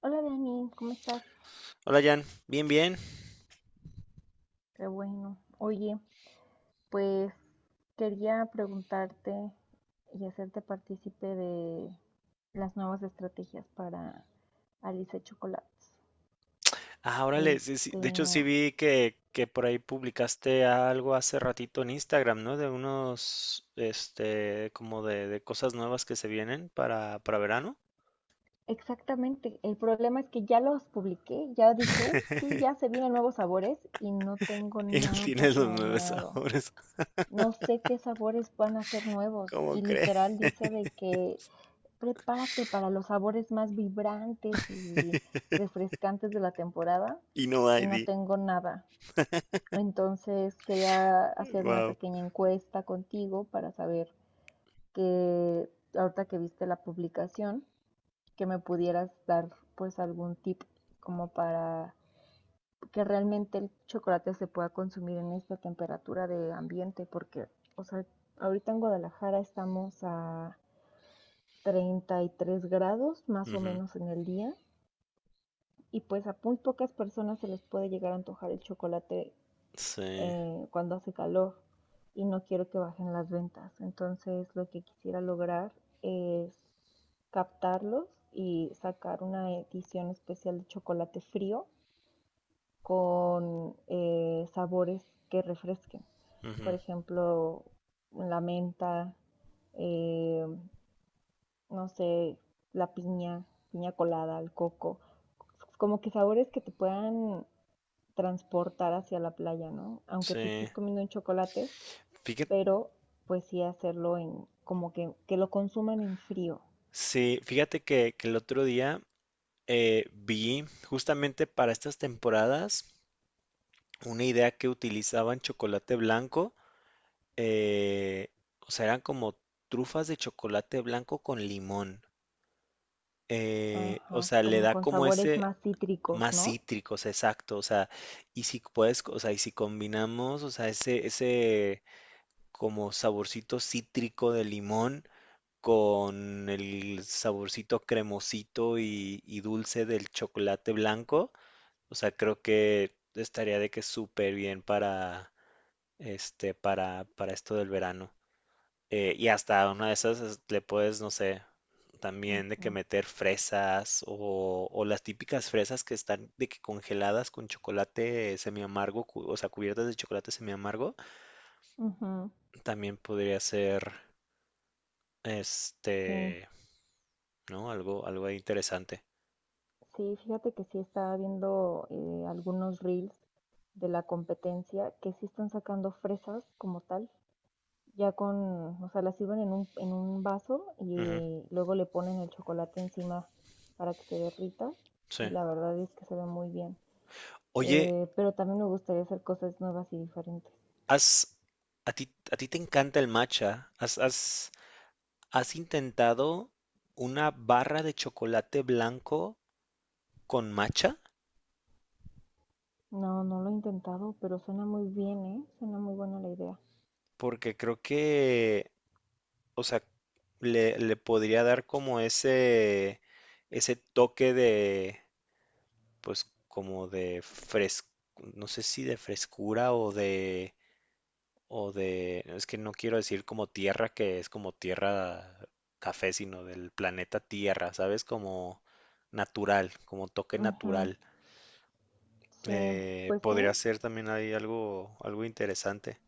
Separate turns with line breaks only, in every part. Hola Dani, ¿cómo estás?
Hola Jan, bien, bien.
Qué bueno. Oye, pues quería preguntarte y hacerte partícipe de las nuevas estrategias para Alice Chocolates.
Ah, órale, sí, sí,
Este,
de hecho, sí vi que por ahí publicaste algo hace ratito en Instagram, ¿no? De unos, como de cosas nuevas que se vienen para verano.
exactamente, el problema es que ya los publiqué, ya dije, sí, ya se vienen nuevos sabores y no tengo
Y no
nada
tienes los nueve
planeado.
sabores.
No sé qué sabores van a ser nuevos
¿Cómo
y
crees?
literal dice de que prepárate para los sabores más vibrantes y refrescantes de la temporada
Y no
y
hay,
no
di.
tengo nada. Entonces quería hacer una
Wow.
pequeña encuesta contigo para saber que ahorita que viste la publicación, que me pudieras dar pues algún tip como para que realmente el chocolate se pueda consumir en esta temperatura de ambiente, porque, o sea, ahorita en Guadalajara estamos a 33 grados más o
Ujú.
menos en el día. Y pues a muy pocas personas se les puede llegar a antojar el chocolate,
Sí,
cuando hace calor y no quiero que bajen las ventas. Entonces lo que quisiera lograr es captarlos y sacar una edición especial de chocolate frío con sabores que refresquen.
ujú,
Por ejemplo, la menta, eh, no sé, la piña, piña colada, el coco. Como que sabores que te puedan transportar hacia la playa, ¿no? Aunque te estés
sí.
comiendo un chocolate,
Fíjate,
pero pues sí hacerlo en, como que lo consuman en frío.
sí, fíjate que el otro día vi justamente para estas temporadas una idea que utilizaban chocolate blanco, eh, o sea, eran como trufas de chocolate blanco con limón. O
Ajá,
sea, le
como
da
con
como
sabores
ese
más cítricos,
más
¿no?
cítrico, o sea, exacto. O sea, y si puedes, o sea, y si combinamos, o sea, ese como saborcito cítrico de limón con el saborcito cremosito y dulce del chocolate blanco, o sea, creo que estaría de que súper bien para para, esto del verano. Y hasta una de esas le puedes, no sé, también de que
Ujú,
meter fresas o las típicas fresas que están de que congeladas con chocolate semiamargo, o sea, cubiertas de chocolate semiamargo,
ujú.
también podría ser,
Sí,
este, ¿no? Algo, algo ahí interesante.
sí, fíjate que sí estaba viendo algunos reels de la competencia que sí están sacando fresas como tal. Ya con, o sea, la sirven en un vaso
Ujú,
y luego le ponen el chocolate encima para que se derrita y
sí.
la verdad es que se ve muy bien.
Oye,
Pero también me gustaría hacer cosas nuevas y diferentes.
has, a ti, a ti te encanta el matcha. ¿Has intentado una barra de chocolate blanco con matcha?
No, no lo he intentado, pero suena muy bien, ¿eh? Suena muy buena la idea.
Porque creo que, o sea, le podría dar como ese toque de, pues, como no sé si de frescura o de, es que no quiero decir como tierra, que es como tierra café, sino del planeta Tierra, ¿sabes? Como natural, como toque
Ujú,
natural.
sí, pues sí,
Podría ser también ahí algo, algo interesante.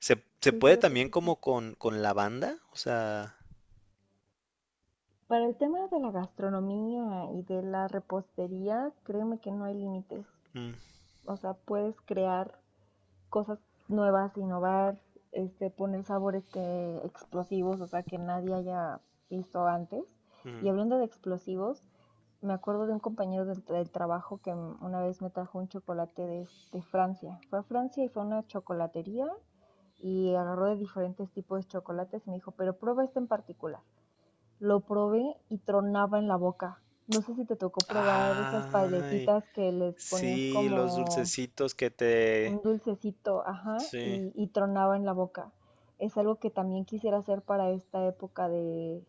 ¿Se
sí,
puede
fíjate
también
que sí.
como con lavanda? O sea.
Para el tema de la gastronomía y de la repostería, créeme que no hay límites.
Mm.
O sea, puedes crear cosas nuevas, innovar, poner sabores que explosivos, o sea, que nadie haya visto antes. Y
Ujú.
hablando de explosivos, me acuerdo de un compañero del trabajo que una vez me trajo un chocolate de Francia. Fue a Francia y fue a una chocolatería y agarró de diferentes tipos de chocolates y me dijo, pero prueba este en particular. Lo probé y tronaba en la boca. No sé si te tocó probar esas
Ay,
paletitas que les ponías
sí, los
como
dulcecitos que te.
un dulcecito, ajá,
Sí,
y tronaba en la boca. Es algo que también quisiera hacer para esta época de,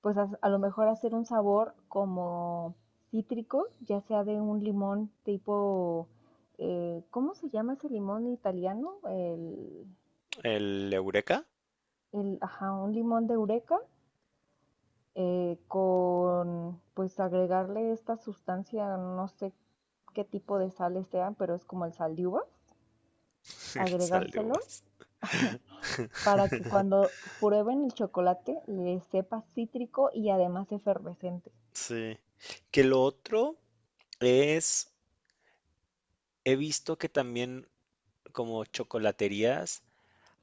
pues a lo mejor hacer un sabor como cítrico, ya sea de un limón tipo, ¿cómo se llama ese limón italiano? El,
el Eureka,
el, ajá, un limón de Eureka, con, pues agregarle esta sustancia, no sé qué tipo de sales sean, pero es como el sal de uvas,
el sal de
agregárselo
uvas.
para que cuando prueben el chocolate les sepa cítrico y además efervescente.
Sí. Que lo otro es, he visto que también como chocolaterías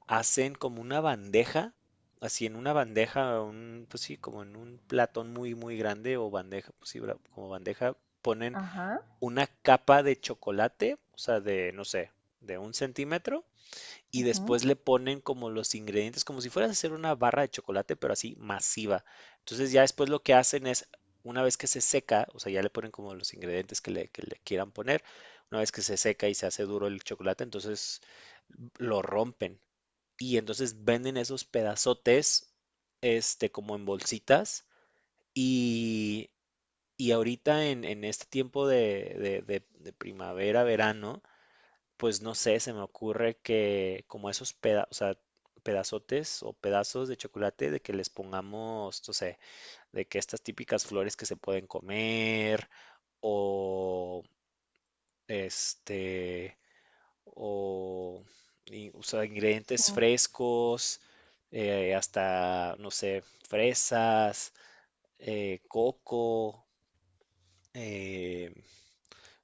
hacen como una bandeja, así en una bandeja, un, pues sí, como en un platón muy, muy grande o bandeja, pues sí, como bandeja, ponen
Ajá,
una capa de chocolate, o sea, de, no sé, de un centímetro, y
ujú,
después le ponen como los ingredientes, como si fueras a hacer una barra de chocolate, pero así masiva. Entonces ya después lo que hacen es, una vez que se seca, o sea, ya le ponen como los ingredientes que le quieran poner, una vez que se seca y se hace duro el chocolate, entonces lo rompen. Y entonces venden esos pedazotes, como en bolsitas. Y y ahorita en, este tiempo de primavera, verano, pues no sé, se me ocurre que como esos o sea, pedazotes o pedazos de chocolate, de que les pongamos, no sé, de que estas típicas flores que se pueden comer, o este, o, y- o sea,
sí,
ingredientes frescos, hasta, no sé, fresas, coco, eh,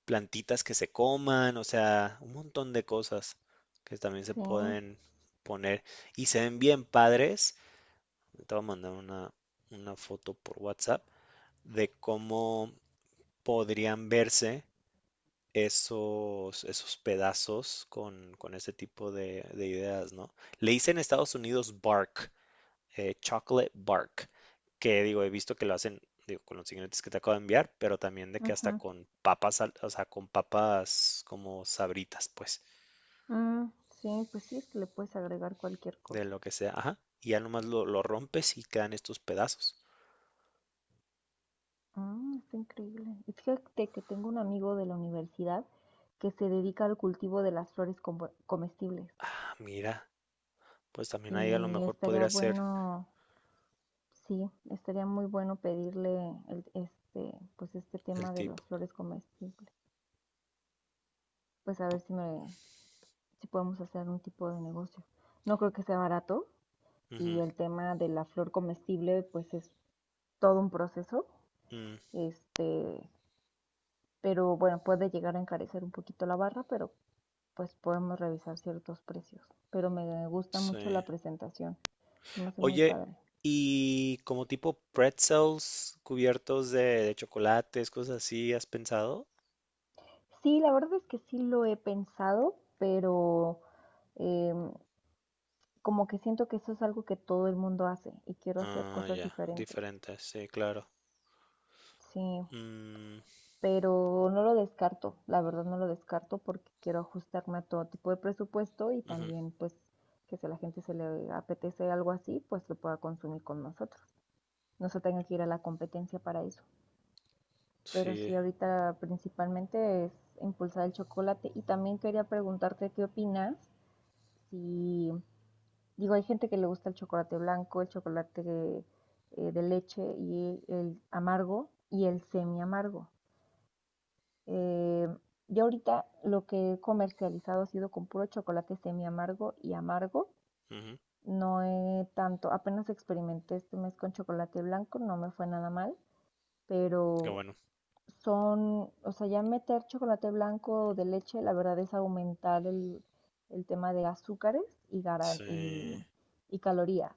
plantitas que se coman, o sea, un montón de cosas que también se
sí,
pueden poner y se ven bien padres. Te voy a mandar una foto por WhatsApp de cómo podrían verse esos pedazos con ese tipo de ideas, ¿no? Le hice en Estados Unidos bark, chocolate bark, que digo, he visto que lo hacen, digo, con los ingredientes que te acabo de enviar, pero también de que hasta
ujú,
con papas, o sea, con papas como sabritas, pues,
mm, sí, pues sí, es que le puedes agregar cualquier
de
cosa.
lo que sea, ajá. Y ya nomás lo rompes y quedan estos pedazos.
Mm, está increíble. Y fíjate que tengo un amigo de la universidad que se dedica al cultivo de las flores como- comestibles.
Ah, mira, pues también ahí a lo
Y
mejor
estaría
podría ser
bueno, sí, estaría muy bueno pedirle el- pues este
el
tema de
tip.
las flores comestibles. Pues a ver si me, si podemos hacer un tipo de negocio. No creo que sea barato y
Ujú,
el tema de la flor comestible pues es todo un proceso,
mm,
este, pero bueno, puede llegar a encarecer un poquito la barra, pero pues podemos revisar ciertos precios. Pero me gusta mucho la
sí.
presentación, se me hace muy
Oye,
padre.
y como tipo pretzels cubiertos de chocolates, cosas así, ¿has pensado?
Sí, la verdad es que sí lo he pensado, pero eh, como que siento que eso es algo que todo el mundo hace y quiero hacer
Ah,
cosas
ya,
diferentes.
diferentes, sí, claro.
Sí,
Mm.
pero no lo descarto, la verdad no lo descarto porque quiero ajustarme a todo tipo de presupuesto y
Ujú.
también pues que si a la gente se le apetece algo así, pues lo pueda consumir con nosotros. No se tenga que ir a la competencia para eso. Pero
Sí,
sí, ahorita principalmente es impulsar el chocolate y también quería preguntarte qué opinas si, digo, hay gente que le gusta el chocolate blanco, el chocolate de leche y el amargo y el semi amargo. Eh, yo ahorita lo que he comercializado ha sido con puro chocolate semi amargo y amargo.
ujú.
No he tanto, apenas experimenté este mes con chocolate blanco, no me fue nada mal,
Qué
pero
bueno.
son, o sea, ya meter chocolate blanco de leche, la verdad es aumentar el tema de azúcares y, garan-
Sí,
y calorías.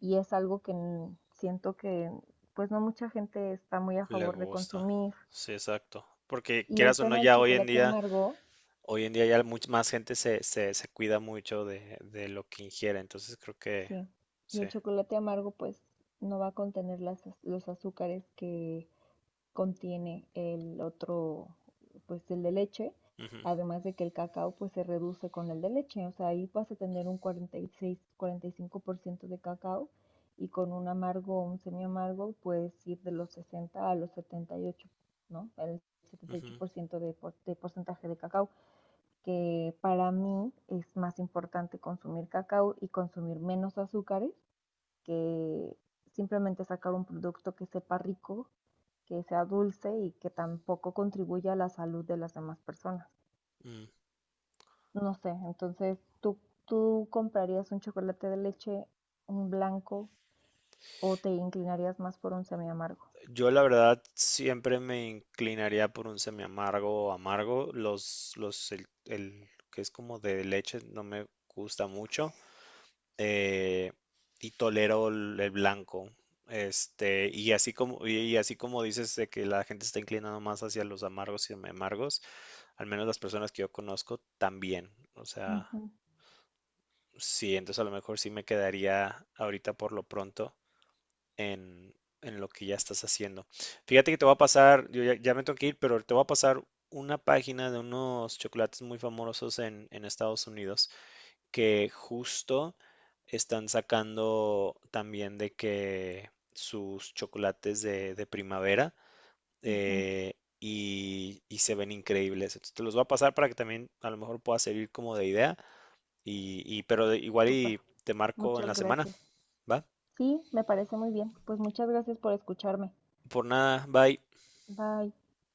Y es algo que n- siento que pues no mucha gente está muy a
le
favor de
gusta.
consumir.
Sí, exacto. Porque
Y el
quieras o no,
tema del
ya
chocolate amargo,
hoy en día ya más gente se cuida mucho de lo que ingiere. Entonces creo que
sí, y
sí.
el chocolate amargo pues no va a contener las, az- los azúcares que contiene el otro, pues el de leche,
Ujú,
además de que el cacao pues se reduce con el de leche, o sea, ahí vas a tener un 46, 45% de cacao y con un amargo o un semiamargo puedes ir de los 60 a los 78, ¿no? El
ujú,
78% de, por- de porcentaje de cacao que para mí es más importante consumir cacao y consumir menos azúcares que simplemente sacar un producto que sepa rico, que sea dulce y que tampoco contribuya a la salud de las demás personas.
mm.
No sé, entonces tú comprarías un chocolate de leche, un blanco, o te inclinarías más por un semiamargo.
Yo la verdad siempre me inclinaría por un semiamargo o amargo. El que es como de leche no me gusta mucho, eh, y tolero el blanco. Y así como, y así como dices de que la gente está inclinando más hacia los amargos y amargos, al menos las personas que yo conozco también. O sea,
Ujú,
sí, entonces a lo mejor sí me quedaría ahorita por lo pronto en, en, lo que ya estás haciendo. Fíjate que te voy a pasar, yo ya, ya me tengo que ir, pero te voy a pasar una página de unos chocolates muy famosos en Estados Unidos que justo están sacando también de que sus chocolates de primavera,
ujú,
eh, y se ven increíbles. Entonces te los voy a pasar para que también a lo mejor pueda servir como de idea y pero igual
súper,
y te marco en
muchas
la semana,
gracias.
¿va?
Sí, me parece muy bien. Pues muchas gracias por escucharme.
Por nada, bye.
Bye.